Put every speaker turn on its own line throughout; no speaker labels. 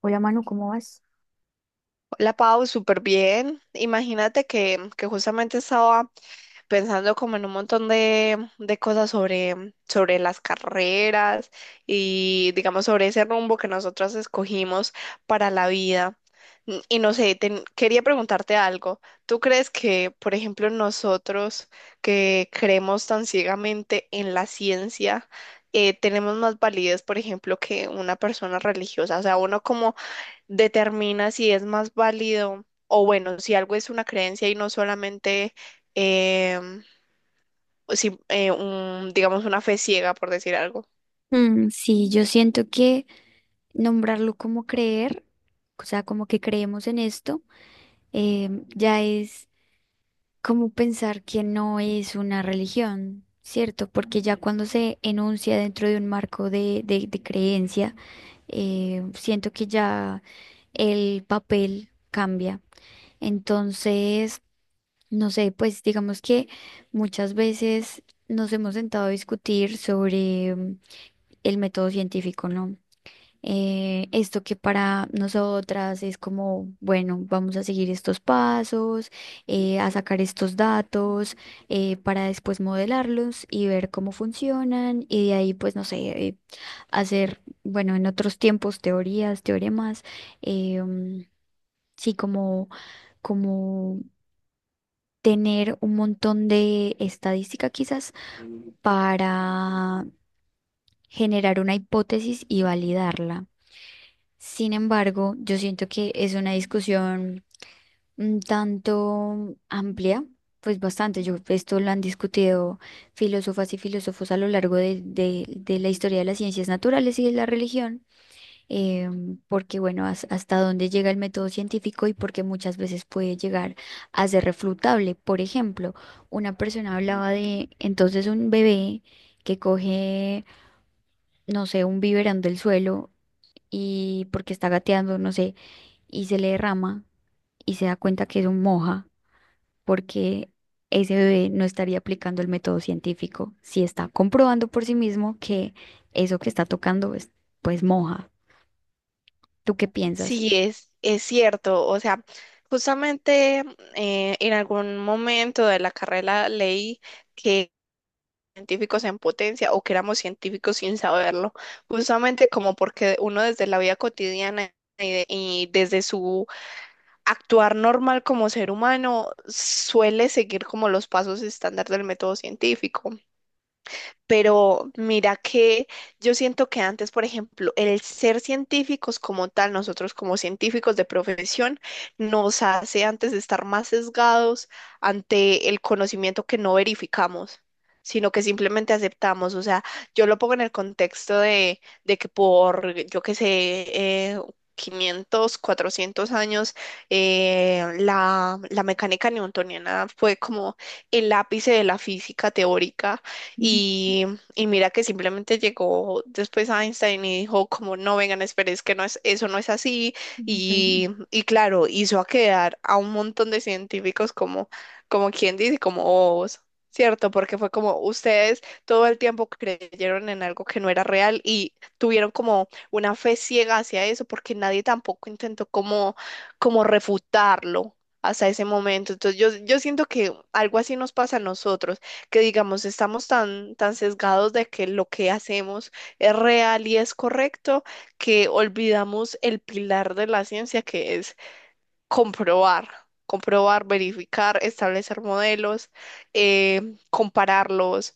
Hola Manu, ¿cómo vas?
La Pau, súper bien. Imagínate que justamente estaba pensando como en un montón de cosas sobre las carreras y digamos sobre ese rumbo que nosotros escogimos para la vida. Y no sé, quería preguntarte algo. ¿Tú crees que, por ejemplo, nosotros que creemos tan ciegamente en la ciencia, tenemos más validez, por ejemplo, que una persona religiosa? O sea, uno como determina si es más válido o bueno, si algo es una creencia y no solamente em, si, digamos, una fe ciega, por decir algo.
Mm, sí, yo siento que nombrarlo como creer, o sea, como que creemos en esto, ya es como pensar que no es una religión, ¿cierto? Porque ya cuando se enuncia dentro de un marco de creencia, siento que ya el papel cambia. Entonces, no sé, pues digamos que muchas veces nos hemos sentado a discutir sobre el método científico, ¿no? Esto que para nosotras es como, bueno, vamos a seguir estos pasos, a sacar estos datos, para después modelarlos y ver cómo funcionan y de ahí, pues, no sé, eh, hacer, bueno, en otros tiempos, teorías, teoremas, eh, mm, sí, como tener un montón de estadística quizás para generar una hipótesis y validarla. Sin embargo, yo siento que es una discusión un tanto amplia, pues bastante. Yo, esto lo han discutido filósofas y filósofos a lo largo de la historia de las ciencias naturales y de la religión, eh, porque, bueno, hasta dónde llega el método científico y porque muchas veces puede llegar a ser refutable. Por ejemplo, una persona hablaba de entonces un bebé que coge, no sé, un biberón del suelo y porque está gateando, no sé, y se le derrama y se da cuenta que es un moja porque ese bebé no estaría aplicando el método científico si está comprobando por sí mismo que eso que está tocando es pues moja. ¿Tú qué piensas?
Sí, es cierto. O sea, justamente en algún momento de la carrera leí que científicos en potencia o que éramos científicos sin saberlo, justamente como porque uno desde la vida cotidiana y desde su actuar normal como ser humano suele seguir como los pasos estándar del método científico. Pero mira que yo siento que antes, por ejemplo, el ser científicos como tal, nosotros como científicos de profesión, nos hace antes de estar más sesgados ante el conocimiento que no verificamos, sino que simplemente aceptamos. O sea, yo lo pongo en el contexto de que por, yo qué sé, eh, 500, 400 años, la mecánica newtoniana fue como el ápice de la física teórica
Ujú.
y, y mira que simplemente llegó después Einstein y dijo como no vengan, esperen, es que no es, eso no es así.
Ujú.
Y claro, hizo a quedar a un montón de científicos como, como quien dice, como bobos, ¿cierto? Porque fue como ustedes todo el tiempo creyeron en algo que no era real y tuvieron como una fe ciega hacia eso porque nadie tampoco intentó como, como refutarlo hasta ese momento. Entonces yo siento que algo así nos pasa a nosotros que digamos estamos tan, tan sesgados de que lo que hacemos es real y es correcto, que olvidamos el pilar de la ciencia que es comprobar, comprobar, verificar, establecer modelos, compararlos,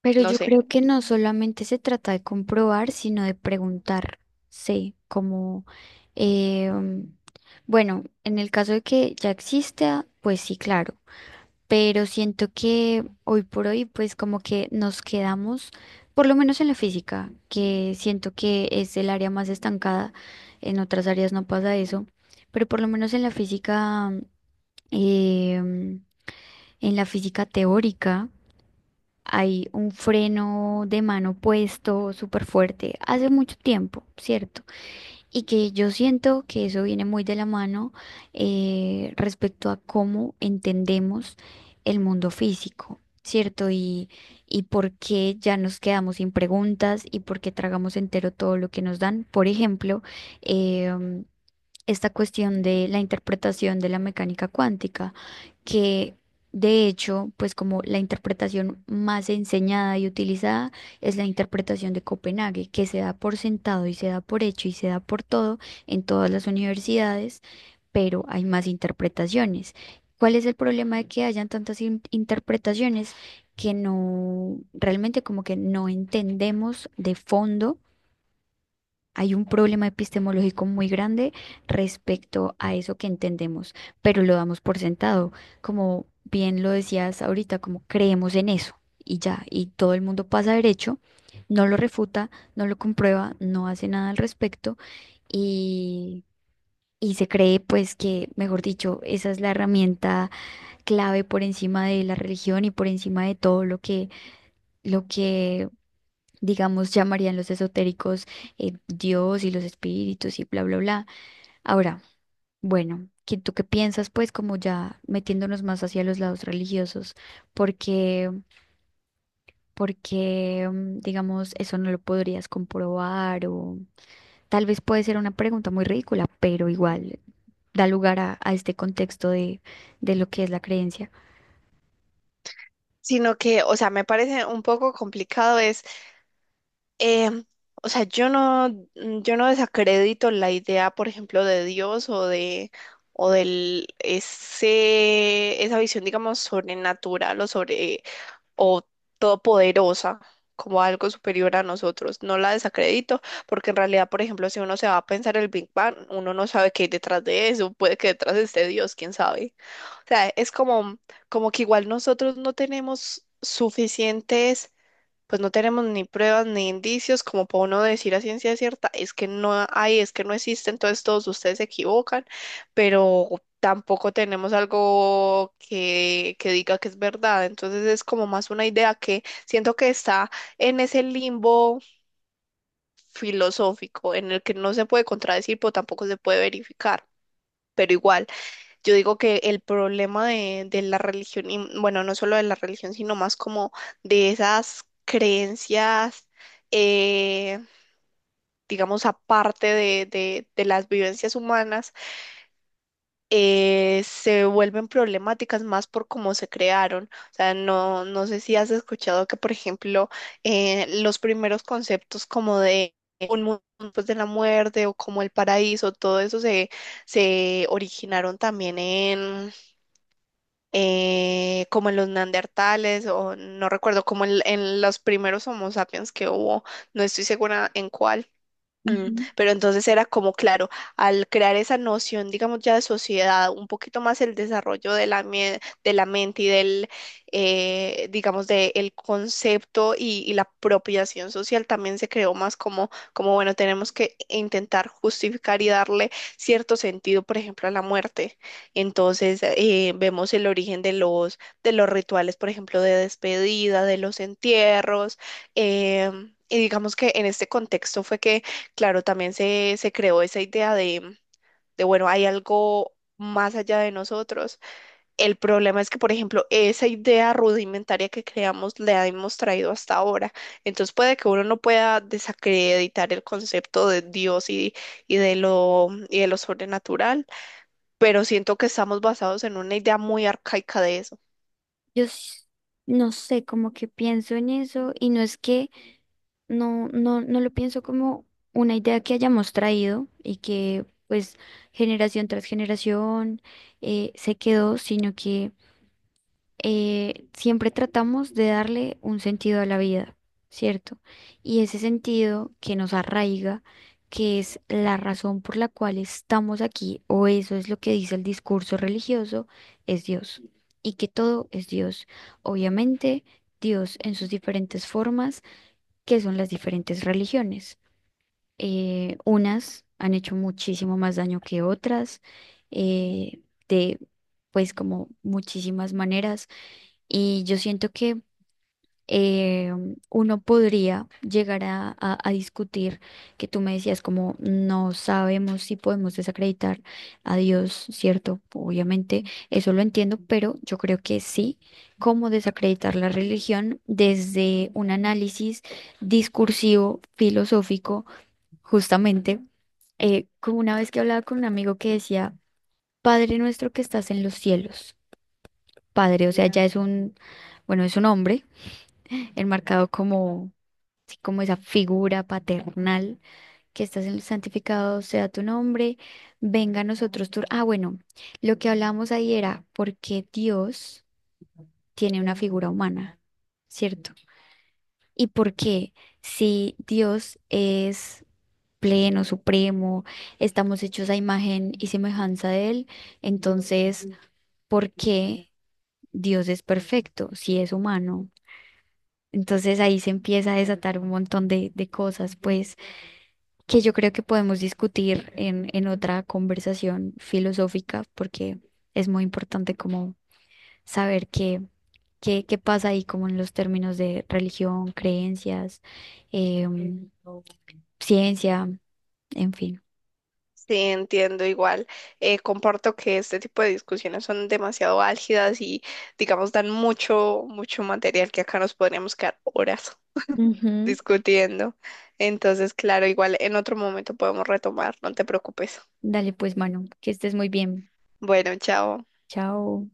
Pero
no
yo
sé.
creo que no solamente se trata de comprobar, sino de preguntar. Sí, como, eh, bueno, en el caso de que ya exista, pues sí, claro. Pero siento que hoy por hoy pues como que nos quedamos, por lo menos en la física, que siento que es el área más estancada, en otras áreas no pasa eso, pero por lo menos en la física, em, en la física teórica hay un freno de mano puesto súper fuerte hace mucho tiempo, ¿cierto? Y que yo siento que eso viene muy de la mano respecto a cómo entendemos el mundo físico, ¿cierto? Y por qué ya nos quedamos sin preguntas y por qué tragamos entero todo lo que nos dan. Por ejemplo, em, esta cuestión de la interpretación de la mecánica cuántica, que de hecho, pues como la interpretación más enseñada y utilizada es la interpretación de Copenhague, que se da por sentado y se da por hecho y se da por todo en todas las universidades, pero hay más interpretaciones. ¿Cuál es el problema de que hayan tantas interpretaciones que no, realmente como que no entendemos de fondo? Hay un problema epistemológico muy grande respecto a eso que entendemos, pero lo damos por sentado. Como bien lo decías ahorita, como creemos en eso y ya, y todo el mundo pasa derecho, no lo refuta, no lo comprueba, no hace nada al respecto y, y se cree pues que, mejor dicho, esa es la herramienta clave por encima de la religión y por encima de todo lo que digamos, llamarían los esotéricos Dios y los espíritus y bla, bla, bla. Ahora, bueno, ¿tú qué piensas, pues, como ya metiéndonos más hacia los lados religiosos? Porque, porque, mm, digamos, eso no lo podrías comprobar o tal vez puede ser una pregunta muy ridícula, pero igual da lugar a este contexto de lo que es la creencia.
Sino que, o sea, me parece un poco complicado es Em, o sea, yo no, yo no desacredito la idea, por ejemplo, de Dios o de, o del ese, esa visión, digamos, sobrenatural o sobre, o todopoderosa, como algo superior a nosotros. No la desacredito, porque en realidad, por ejemplo, si uno se va a pensar el Big Bang, uno no sabe qué hay detrás de eso, puede que detrás esté Dios, quién sabe. O sea, es como, como que igual nosotros no tenemos suficientes pues no tenemos ni pruebas ni indicios como para uno decir a ciencia cierta, es que no hay, es que no existe, entonces todos ustedes se equivocan, pero tampoco tenemos algo que diga que es verdad, entonces es como más una idea que siento que está en ese limbo filosófico en el que no se puede contradecir, pero tampoco se puede verificar, pero igual. Yo digo que el problema de la religión, y bueno, no solo de la religión, sino más como de esas creencias, eh, digamos, aparte de, de las vivencias humanas, se vuelven problemáticas más por cómo se crearon. O sea, no, no sé si has escuchado que, por ejemplo, los primeros conceptos como de un mundo después de la muerte o como el paraíso, todo eso se, se originaron también como en los neandertales o no recuerdo, como en los primeros Homo sapiens que hubo, no estoy segura en cuál. Mm. Pero entonces era como, claro, al crear esa noción, digamos, ya de sociedad, un poquito más el desarrollo de la, de la mente y del, digamos, del concepto y la apropiación social también se creó más como, como, bueno, tenemos que intentar justificar y darle cierto sentido, por ejemplo, a la muerte. Entonces, vemos el origen de los rituales, por ejemplo, de despedida, de los entierros, y digamos que en este contexto fue que claro, también se creó esa idea de, bueno, hay algo más allá de nosotros. El problema es que, por ejemplo, esa idea rudimentaria que creamos la hemos traído hasta ahora. Entonces puede que uno no pueda desacreditar el concepto de Dios y de lo sobrenatural, pero siento que estamos basados en una idea muy arcaica de eso.
Yo s- no sé, como que pienso en eso y no es que no, no, no lo pienso como una idea que hayamos traído y que pues generación tras generación se quedó, sino que siempre tratamos de darle un sentido a la vida, ¿cierto? Y ese sentido que nos arraiga, que es la razón por la cual estamos aquí, o eso es lo que dice el discurso religioso, es Dios. Y que todo es Dios. Obviamente, Dios en sus diferentes formas que son las diferentes religiones. Unas han hecho muchísimo más daño que otras, eh, de pues como muchísimas maneras. Y yo siento que eh, uno podría llegar a discutir, que tú me decías como no sabemos si podemos desacreditar a Dios, ¿cierto? Obviamente, eso lo entiendo, pero yo creo que sí, cómo desacreditar la religión desde un análisis discursivo, filosófico, justamente, como una vez que hablaba con un amigo que decía, Padre nuestro que estás en los cielos, Padre, o sea, ya es un, bueno, es un hombre enmarcado como como esa figura paternal, que estás en el santificado sea tu nombre, venga a nosotros tu Ah, bueno, lo que hablamos ahí era por qué Dios tiene una figura humana, ¿cierto? Y por qué si Dios es pleno, supremo, estamos hechos a imagen y semejanza de Él, entonces, ¿por qué Dios es perfecto si es humano? Entonces ahí se empieza a desatar un montón de cosas, pues. Que yo creo que podemos discutir en otra conversación filosófica, porque es muy importante como saber qué, qué, qué pasa ahí como en los términos de religión, creencias, em, ciencia, en fin.
Sí, entiendo igual. Comparto que este tipo de discusiones son demasiado álgidas y, digamos, dan mucho, mucho material que acá nos podríamos quedar horas
Ujú.
discutiendo. Entonces, claro, igual en otro momento podemos retomar, no te preocupes.
Dale pues, mano, que estés muy bien.
Bueno, chao.
Chao.